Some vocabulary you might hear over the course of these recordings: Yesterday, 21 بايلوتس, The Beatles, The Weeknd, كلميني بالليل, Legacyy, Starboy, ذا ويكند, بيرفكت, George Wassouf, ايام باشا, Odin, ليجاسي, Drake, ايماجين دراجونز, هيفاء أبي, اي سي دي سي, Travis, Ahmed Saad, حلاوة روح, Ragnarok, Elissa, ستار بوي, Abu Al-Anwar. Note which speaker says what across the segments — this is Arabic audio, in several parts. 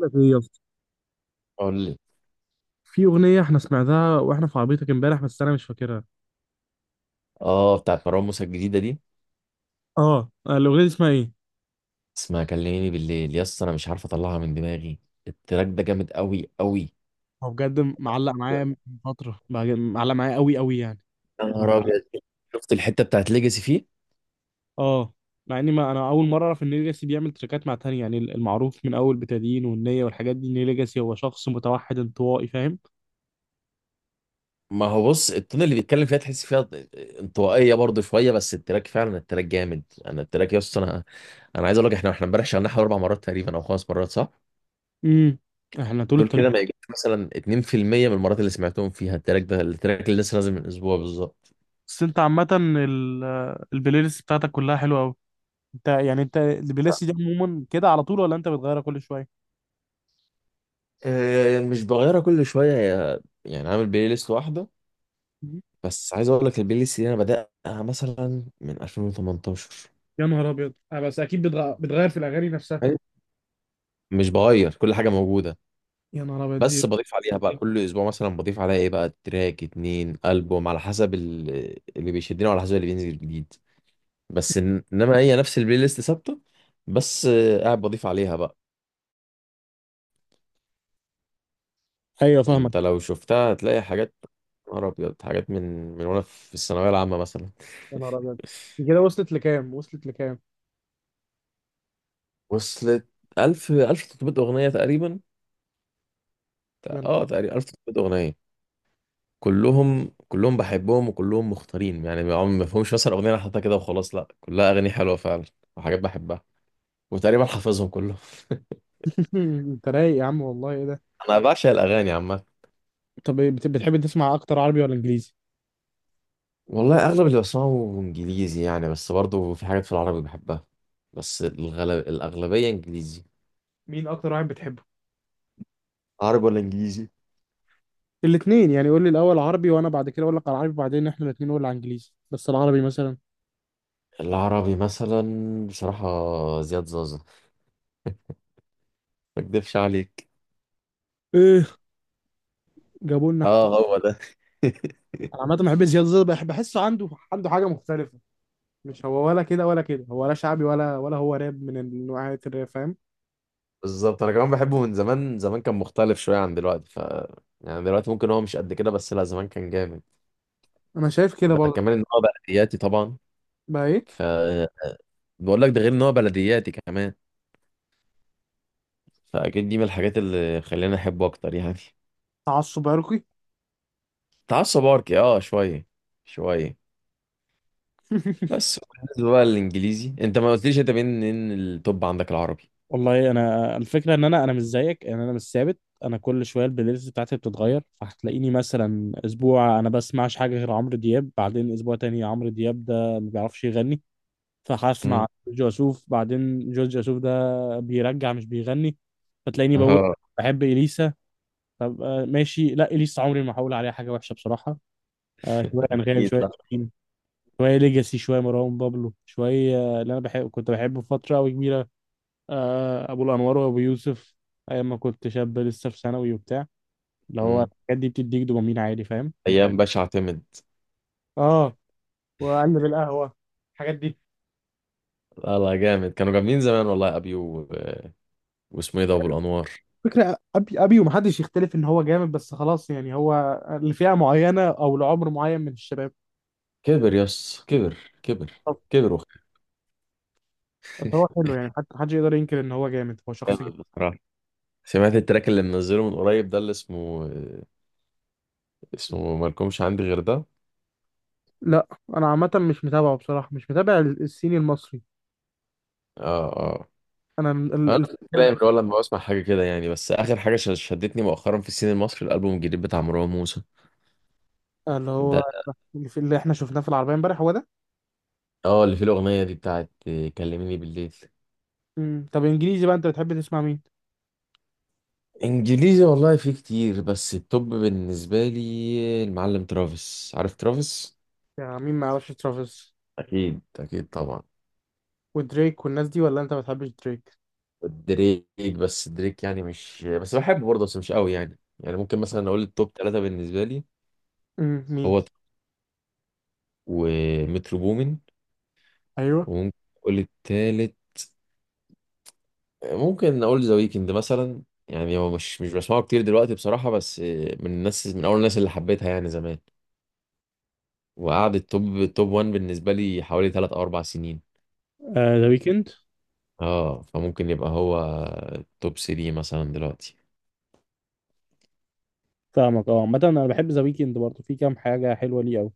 Speaker 1: لك ايه يا اسطى؟
Speaker 2: قول لي.
Speaker 1: في اغنيه احنا سمعناها واحنا في عربيتك امبارح، بس انا مش فاكرها.
Speaker 2: اه، بتاعت مروان موسى الجديدة دي
Speaker 1: اه الاغنيه دي اسمها ايه؟
Speaker 2: اسمها كلميني بالليل يا اسطى، انا مش عارف اطلعها من دماغي. التراك ده جامد قوي قوي.
Speaker 1: هو بجد معلق
Speaker 2: يا
Speaker 1: معايا من فتره، معلق معايا قوي قوي يعني.
Speaker 2: نهار ابيض، شفت الحتة بتاعت ليجاسي فيه.
Speaker 1: اه، مع اني ما انا اول مره اعرف ان ليجاسي بيعمل تراكات مع تاني، يعني المعروف من اول بتادين والنيه والحاجات دي ان ليجاسي هو شخص متوحد انطوائي، فاهم؟
Speaker 2: ما هو بص، التون اللي بيتكلم فيها تحس فيها انطوائية برضه شوية، بس التراك فعلا، التراك جامد انا التراك يا اسطى انا انا عايز اقول لك احنا امبارح شغلناه حوالي اربع مرات تقريبا او خمس مرات، صح؟
Speaker 1: امم احنا طول
Speaker 2: دول
Speaker 1: الطريق.
Speaker 2: كده ما يجيش مثلا 2% من المرات اللي سمعتهم فيها. التراك ده، التراك اللي لسه نازل من اسبوع بالظبط.
Speaker 1: بس انت عامه البلاي ليست بتاعتك كلها حلوه قوي. انت يعني انت البلاي ليست دي عموما كده على طول، ولا انت بتغيرها كل شويه؟
Speaker 2: مش بغيرها كل شويه، يعني عامل بلاي ليست واحده. بس عايز اقول لك البلاي ليست دي انا بدأها مثلا من 2018.
Speaker 1: يا نهار ابيض، آه، بس اكيد بتغير في الاغاني نفسها.
Speaker 2: أيوة، مش بغير كل حاجة موجودة،
Speaker 1: يا نهار ابيض دي.
Speaker 2: بس بضيف عليها بقى كل اسبوع، مثلا بضيف عليها ايه بقى، تراك، اتنين، ألبوم، على حسب اللي بيشدني وعلى حسب اللي بينزل جديد. بس انما هي نفس البلاي ليست ثابتة. بس قاعد بضيف عليها بقى.
Speaker 1: ايوه فاهمك.
Speaker 2: انت لو شفتها هتلاقي حاجات، يا نهار ابيض، حاجات من وانا في الثانوية العامة مثلا.
Speaker 1: يا نهار ابيض، دي كده وصلت لكام؟ وصلت لكام؟
Speaker 2: وصلت 1000، 1300 أغنية تقريبا.
Speaker 1: يا نهار.
Speaker 2: اه تقريبا 1300 أغنية. كلهم بحبهم، وكلهم مختارين. يعني ما فيهمش مثلا اغنيه انا حاططها كده وخلاص، لا، كلها اغاني حلوه فعلا وحاجات بحبها، وتقريبا حافظهم كلهم.
Speaker 1: انت رايق يا عم، والله ايه ده؟
Speaker 2: انا بعشق الاغاني عامه.
Speaker 1: طب إيه، بتحب تسمع اكتر عربي ولا انجليزي؟
Speaker 2: والله اغلب اللي بسمعه انجليزي، يعني بس برضه في حاجات في العربي بحبها. بس الغلب، الاغلبيه انجليزي.
Speaker 1: مين اكتر واحد بتحبه؟
Speaker 2: عربي ولا انجليزي؟
Speaker 1: الاثنين يعني، قول لي الاول عربي، وانا بعد كده اقول لك على العربي، وبعدين احنا الاثنين نقول على انجليزي. بس العربي مثلا؟
Speaker 2: العربي مثلا، بصراحه، زياد زازا. ما اكدبش عليك،
Speaker 1: ايه، جابوا لنا
Speaker 2: اه
Speaker 1: حكومه.
Speaker 2: هو ده.
Speaker 1: انا عامه بحب زياد زازا، بحب بحسه عنده عنده حاجه مختلفه. مش هو ولا كده ولا كده، هو ولا شعبي، ولا ولا هو راب من نوعية الراب، فاهم؟
Speaker 2: بالظبط، انا كمان بحبه من زمان. زمان كان مختلف شويه عن دلوقتي، ف يعني دلوقتي ممكن هو مش قد كده، بس لا، زمان كان جامد.
Speaker 1: انا شايف كده
Speaker 2: ده
Speaker 1: برضه.
Speaker 2: كمان ان هو بلدياتي طبعا.
Speaker 1: بقى ايه؟
Speaker 2: ف بقول لك، ده غير ان هو بلدياتي كمان، فاكيد دي من الحاجات اللي خلاني احبه اكتر يعني.
Speaker 1: تعصب عرقي.
Speaker 2: تعصب اركي، اه شويه، شويه. بس بالنسبه بقى للانجليزي، انت ما قلتليش انت مين التوب عندك العربي.
Speaker 1: والله انا الفكره ان انا مش زيك، ان انا مش ثابت. انا كل شويه البلاي ليست بتاعتي بتتغير، فهتلاقيني مثلا اسبوع انا بسمعش حاجه غير عمرو دياب، بعدين اسبوع تاني عمرو دياب ده ما بيعرفش يغني، فهسمع
Speaker 2: امم.
Speaker 1: جورج وسوف. بعدين جورج وسوف ده بيرجع مش بيغني، فتلاقيني بقول
Speaker 2: اه،
Speaker 1: بحب اليسا. طب آه، ماشي. لا، اليسا عمري ما هقول عليها حاجه وحشه بصراحه. آه، شويه انغام،
Speaker 2: اكيد
Speaker 1: شويه
Speaker 2: صح.
Speaker 1: شيرين، شويه ليجاسي، شويه مروان بابلو، شويه آه، اللي انا بحب كنت بحبه فتره قوي كبيره، آه، ابو الانوار وابو يوسف، ايام ما كنت شاب لسه في ثانوي وبتاع. اللي هو
Speaker 2: امم.
Speaker 1: الحاجات دي بتديك دوبامين عالي، فاهم؟
Speaker 2: ايام باشا اعتمد.
Speaker 1: اه، واقلب القهوه، الحاجات دي.
Speaker 2: لا لا جامد، كانوا جامدين زمان والله، ابيو و... واسمه ايه ده، ابو الانوار.
Speaker 1: فكرة أبي ومحدش يختلف إن هو جامد، بس خلاص يعني هو لفئة معينة أو لعمر معين من الشباب.
Speaker 2: كبر يس كبر، كبر،
Speaker 1: طب
Speaker 2: كبر وخ-
Speaker 1: بس هو حلو يعني، حتى محدش يقدر ينكر إن هو جامد، هو شخص جامد.
Speaker 2: جامد بصراحة. سمعت التراك اللي منزله من قريب ده، اللي اسمه مالكمش عندي غير ده.
Speaker 1: لا، أنا عامة مش متابعه، بصراحة مش متابع الصيني المصري.
Speaker 2: اه اه،
Speaker 1: أنا
Speaker 2: انا
Speaker 1: ال-
Speaker 2: كلام ولا لما بسمع حاجه كده يعني. بس اخر حاجه شدتني مؤخرا في السين المصري، الالبوم الجديد بتاع مروان موسى
Speaker 1: اللي هو
Speaker 2: ده.
Speaker 1: اللي إحنا شفناه في العربية إمبارح هو ده.
Speaker 2: اه، اللي فيه الاغنيه دي بتاعت كلميني بالليل.
Speaker 1: مم. طب إنجليزي بقى، أنت بتحب تسمع مين؟
Speaker 2: انجليزي والله في كتير، بس التوب بالنسبه لي المعلم ترافيس، عارف ترافيس؟
Speaker 1: يعني مين ما يعرفش ترافيس؟
Speaker 2: اكيد اكيد طبعا.
Speaker 1: ودريك والناس دي، ولا انت ما بتحبش دريك؟
Speaker 2: دريك، بس دريك يعني مش بس بحبه برضه، بس مش قوي يعني ممكن مثلا اقول التوب ثلاثة بالنسبة لي.
Speaker 1: امم، مين؟
Speaker 2: هو ت- ومترو بومن،
Speaker 1: ايوه.
Speaker 2: وممكن اقول التالت، ممكن اقول ذا ويكند مثلا. يعني هو مش بسمعه كتير دلوقتي بصراحة، بس من الناس، من اول الناس اللي حبيتها يعني زمان. وقعد التوب، توب 1 بالنسبة لي حوالي 3 او 4 سنين.
Speaker 1: ذا ويكند؟
Speaker 2: اه، فممكن يبقى هو توب 3 مثلا دلوقتي.
Speaker 1: فاهمك. اه عامة انا بحب ذا ويكند برضه، في كام حاجة حلوة ليه قوي.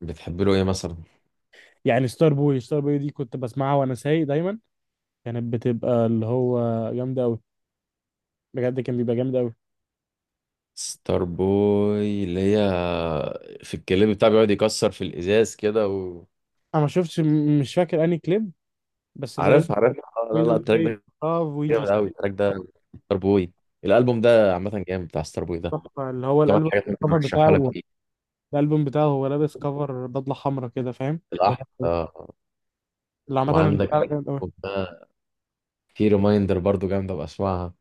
Speaker 2: بتحب له ايه مثلا؟
Speaker 1: يعني ستار بوي، ستار بوي دي كنت بسمعها وانا سايق دايما، كانت بتبقى اللي هو جامدة قوي. بجد كان بيبقى جامد قوي.
Speaker 2: ستار بوي اللي هي في الكليب بتاعه بيقعد يكسر في الازاز كده و...
Speaker 1: انا ما شفتش، مش فاكر انهي كليب. بس اللي هي
Speaker 2: عارف عارف، آه،
Speaker 1: وي
Speaker 2: لا لا،
Speaker 1: دونت
Speaker 2: التراك
Speaker 1: كري.
Speaker 2: ده
Speaker 1: اه وي
Speaker 2: جامد
Speaker 1: جاست.
Speaker 2: قوي، التراك ده ستار بوي. الالبوم ده عامه جامد، بتاع ستار بوي ده.
Speaker 1: تحفة اللي هو
Speaker 2: كمان
Speaker 1: الالبوم
Speaker 2: حاجات ممكن
Speaker 1: الكفر
Speaker 2: ارشحها
Speaker 1: بتاعه.
Speaker 2: لك، ايه؟
Speaker 1: الالبوم بتاعه هو لابس كفر بدلة حمراء كده، فاهم؟ ده
Speaker 2: الاحمر، آه.
Speaker 1: اللي عامة اللي
Speaker 2: وعندك
Speaker 1: بتاعه جامد قوي.
Speaker 2: ده، في ريمايندر برضو جامده بسمعها.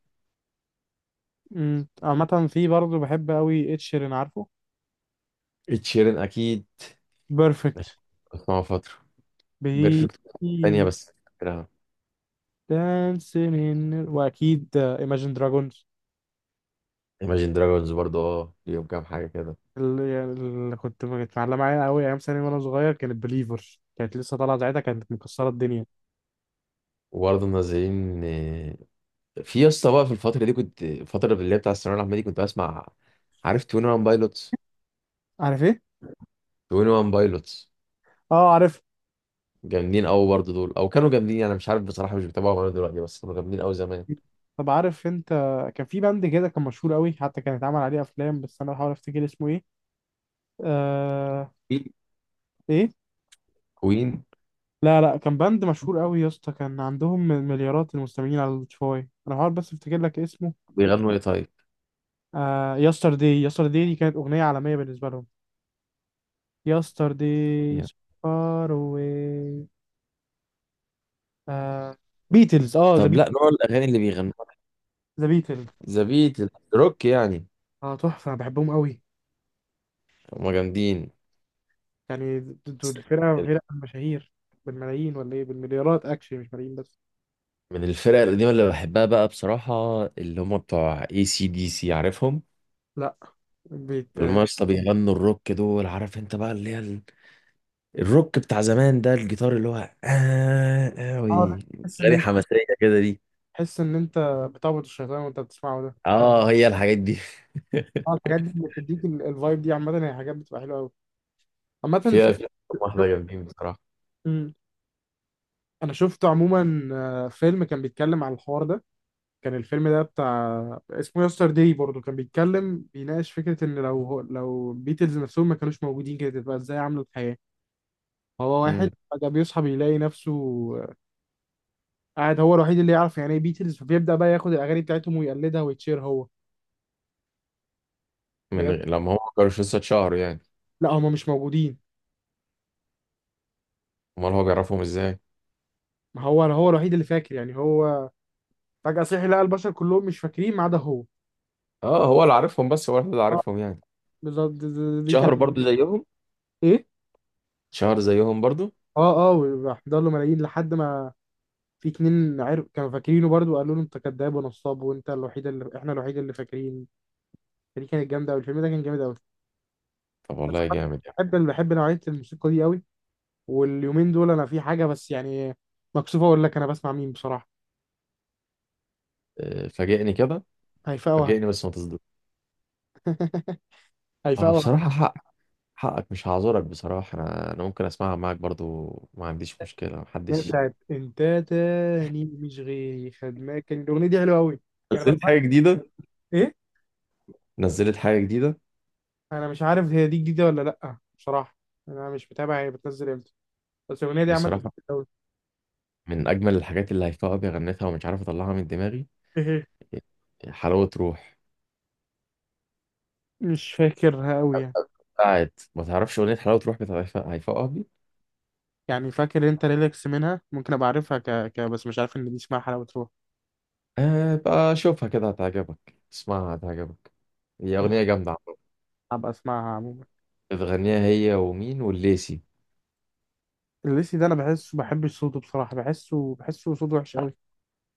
Speaker 1: امم، عامة في برضه بحب قوي ed sheeran، عارفه؟
Speaker 2: اتشيرن اكيد،
Speaker 1: بيرفكت.
Speaker 2: بسمعه فتره.
Speaker 1: بي
Speaker 2: بيرفكت تانية بس.
Speaker 1: دانسين ان. واكيد ايماجين دراجونز.
Speaker 2: ايماجين دراجونز برضو، اه ليهم كام حاجه كده.
Speaker 1: اللي, يعني اللي كنت كانت معلقه معايا قوي ايام ثانوي وانا صغير كانت بليفر، كانت لسه طالعه ساعتها، كانت مكسره الدنيا.
Speaker 2: وبرضه منزلين. في يا اسطى، بقى في الفترة دي كنت، الفترة اللي هي بتاع الثانوية العامة دي، كنت بسمع، عارف 21 بايلوتس؟
Speaker 1: عارف ايه؟
Speaker 2: 21 بايلوتس
Speaker 1: اه عارف.
Speaker 2: جامدين قوي برضه دول، او كانوا جامدين. انا مش عارف بصراحة، مش بتابعهم انا دلوقتي، بس كانوا جامدين قوي زمان.
Speaker 1: طب عارف انت، كان في باند كده كان مشهور قوي حتى كان اتعمل عليه افلام، بس انا بحاول افتكر اسمه ايه. آه...
Speaker 2: في
Speaker 1: ايه؟
Speaker 2: كوين.
Speaker 1: لا لا، كان باند مشهور قوي يا اسطى، كان عندهم مليارات المستمعين على سبوتيفاي. انا هحاول بس افتكر لك اسمه.
Speaker 2: بيغنوا ايه طيب؟
Speaker 1: آه، يسترداي، يسترداي دي كانت اغنيه عالميه بالنسبه لهم. يسترداي،
Speaker 2: يعني.
Speaker 1: فار اواي. آه، بيتلز، اه ذا
Speaker 2: طب
Speaker 1: بيتلز.
Speaker 2: لا، نوع الاغاني اللي بيغنوها
Speaker 1: ذا بيتلز،
Speaker 2: ذا بيت، الروك يعني.
Speaker 1: اه تحفه، انا بحبهم قوي.
Speaker 2: هما جامدين.
Speaker 1: يعني
Speaker 2: بس
Speaker 1: دول الفرقه فرقه مشاهير بالملايين، ولا ايه بالمليارات اكشلي، مش ملايين بس.
Speaker 2: من الفرق القديمة اللي بحبها بقى بصراحة، اللي هم بتوع اي سي دي سي، عارفهم؟
Speaker 1: لا، بيت.
Speaker 2: اللي هم يا اسطى بيغنوا الروك، دول عارف انت بقى، اللي هي الروك بتاع زمان ده، الجيتار اللي هو آه
Speaker 1: اه
Speaker 2: أوي،
Speaker 1: تحس ان
Speaker 2: غني
Speaker 1: انت،
Speaker 2: حماسية كده دي.
Speaker 1: تحس ان انت بتعبد الشيطان وانت بتسمعه ده.
Speaker 2: اه هي الحاجات دي.
Speaker 1: اه الحاجات دي اللي بتديك الفايب دي، عامة هي حاجات بتبقى حلوة أوي. عامة
Speaker 2: فيها
Speaker 1: في
Speaker 2: فيها كام
Speaker 1: شو...
Speaker 2: واحدة جامدين بصراحة.
Speaker 1: مم. أنا شفت عموما آه، فيلم كان بيتكلم على الحوار ده، كان الفيلم ده بتاع، اسمه يستر داي برضه، كان بيتكلم بيناقش فكرة إن لو لو بيتلز نفسهم ما كانوش موجودين كانت هتبقى إزاي عاملة الحياة. هو واحد
Speaker 2: مم.
Speaker 1: فجأة بيصحى بيلاقي نفسه آه، قاعد هو الوحيد اللي يعرف يعني إيه بيتلز، فبيبدأ بقى ياخد الأغاني بتاعتهم ويقلدها ويتشير هو. ده جد.
Speaker 2: لما هم كانوش لسه اتشهروا يعني.
Speaker 1: لا، هما مش موجودين.
Speaker 2: امال هو بيعرفهم ازاي؟
Speaker 1: ما هو هو الوحيد اللي فاكر يعني، هو فجأة صحي لقى البشر كلهم مش فاكرين ما عدا هو.
Speaker 2: اه هو اللي عارفهم، بس هو الوحيد اللي
Speaker 1: اه
Speaker 2: عارفهم يعني.
Speaker 1: بالظبط. دي
Speaker 2: شهر
Speaker 1: كانت.
Speaker 2: برضو زيهم.
Speaker 1: ايه؟
Speaker 2: شهر زيهم برضو.
Speaker 1: اه اه، وراح له ملايين لحد ما في اتنين عرف كانوا فاكرينه برضو، قالوا له انت كذاب ونصاب، وانت الوحيد اللي احنا الوحيد اللي فاكرين. فدي كانت جامده قوي، الفيلم ده كان جامد قوي.
Speaker 2: طب
Speaker 1: بس
Speaker 2: والله
Speaker 1: أنا
Speaker 2: جامد يعني.
Speaker 1: بحب بحب نوعيه الموسيقى دي قوي. واليومين دول انا في حاجه، بس يعني مكسوفه اقول لك انا بسمع مين بصراحه.
Speaker 2: آه، فاجئني كده،
Speaker 1: هيفاء وهبي.
Speaker 2: فاجئني بس ما تصدق.
Speaker 1: هيفاء
Speaker 2: اه
Speaker 1: وهبي
Speaker 2: بصراحة، حقك مش هعذرك بصراحة. انا انا ممكن اسمعها معاك برضو، ما عنديش مشكلة
Speaker 1: اللي هي
Speaker 2: محدش.
Speaker 1: بتاعت انت تاني مش غيري خدناك، كان الاغنيه دي حلوه قوي. يعني
Speaker 2: نزلت
Speaker 1: بسمع،
Speaker 2: حاجة جديدة؟ نزلت حاجة جديدة
Speaker 1: انا مش عارف هي دي جديده ولا لا بصراحه، انا مش متابع هي بتنزل امتى، بس الاغنيه دي عامه
Speaker 2: بصراحة
Speaker 1: أوي.
Speaker 2: من أجمل الحاجات اللي هيفاء أبي غنتها، ومش عارف أطلعها من دماغي.
Speaker 1: إيه هي؟
Speaker 2: حلاوة روح.
Speaker 1: مش فاكرها قوي يعني.
Speaker 2: بتاعت، ما تعرفش أغنية حلاوة روح بتاعت هيفاء أبي.
Speaker 1: يعني فاكر انت ريلاكس منها، ممكن ابقى عارفها ك... ك... بس مش عارف ان دي اسمها حلاوه روح.
Speaker 2: آه بقى شوفها كده، هتعجبك، اسمعها هتعجبك. هي أغنية جامدة عامة.
Speaker 1: هبقى اسمعها عموما.
Speaker 2: بتغنيها هي ومين، والليسي.
Speaker 1: الليسي ده انا بحسه بحبش صوته بصراحه، بحسه بحسه صوته وحش قوي.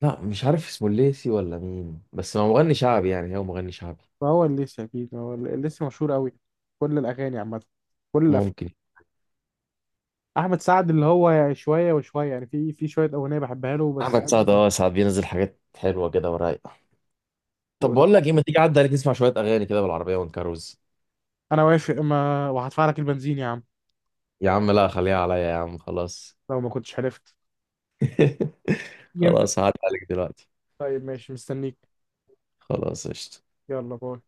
Speaker 2: لا مش عارف اسمه الليسي ولا مين، بس هو مغني شعبي يعني، هو مغني شعبي.
Speaker 1: فهو الليسي، اكيد هو الليسي مشهور قوي. كل الاغاني عامه، كل الافلام.
Speaker 2: ممكن.
Speaker 1: احمد سعد اللي هو يعني شويه وشويه يعني، في شويه اغنيه بحبها له بس.
Speaker 2: أحمد سعد، أه ساعات بينزل حاجات حلوة كده ورايقة. طب بقول
Speaker 1: وط-
Speaker 2: لك إيه، ما تيجي عدى عليك نسمع شوية أغاني كده بالعربية ونكروز.
Speaker 1: انا وافق، ما وهدفع لك البنزين يا عم
Speaker 2: يا عم لا خليها عليا يا عم، خلاص.
Speaker 1: لو ما كنتش عرفت. امتى؟
Speaker 2: خلاص هعدي عليك دلوقتي.
Speaker 1: طيب ماشي مستنيك.
Speaker 2: خلاص قشطة.
Speaker 1: يلا، باي.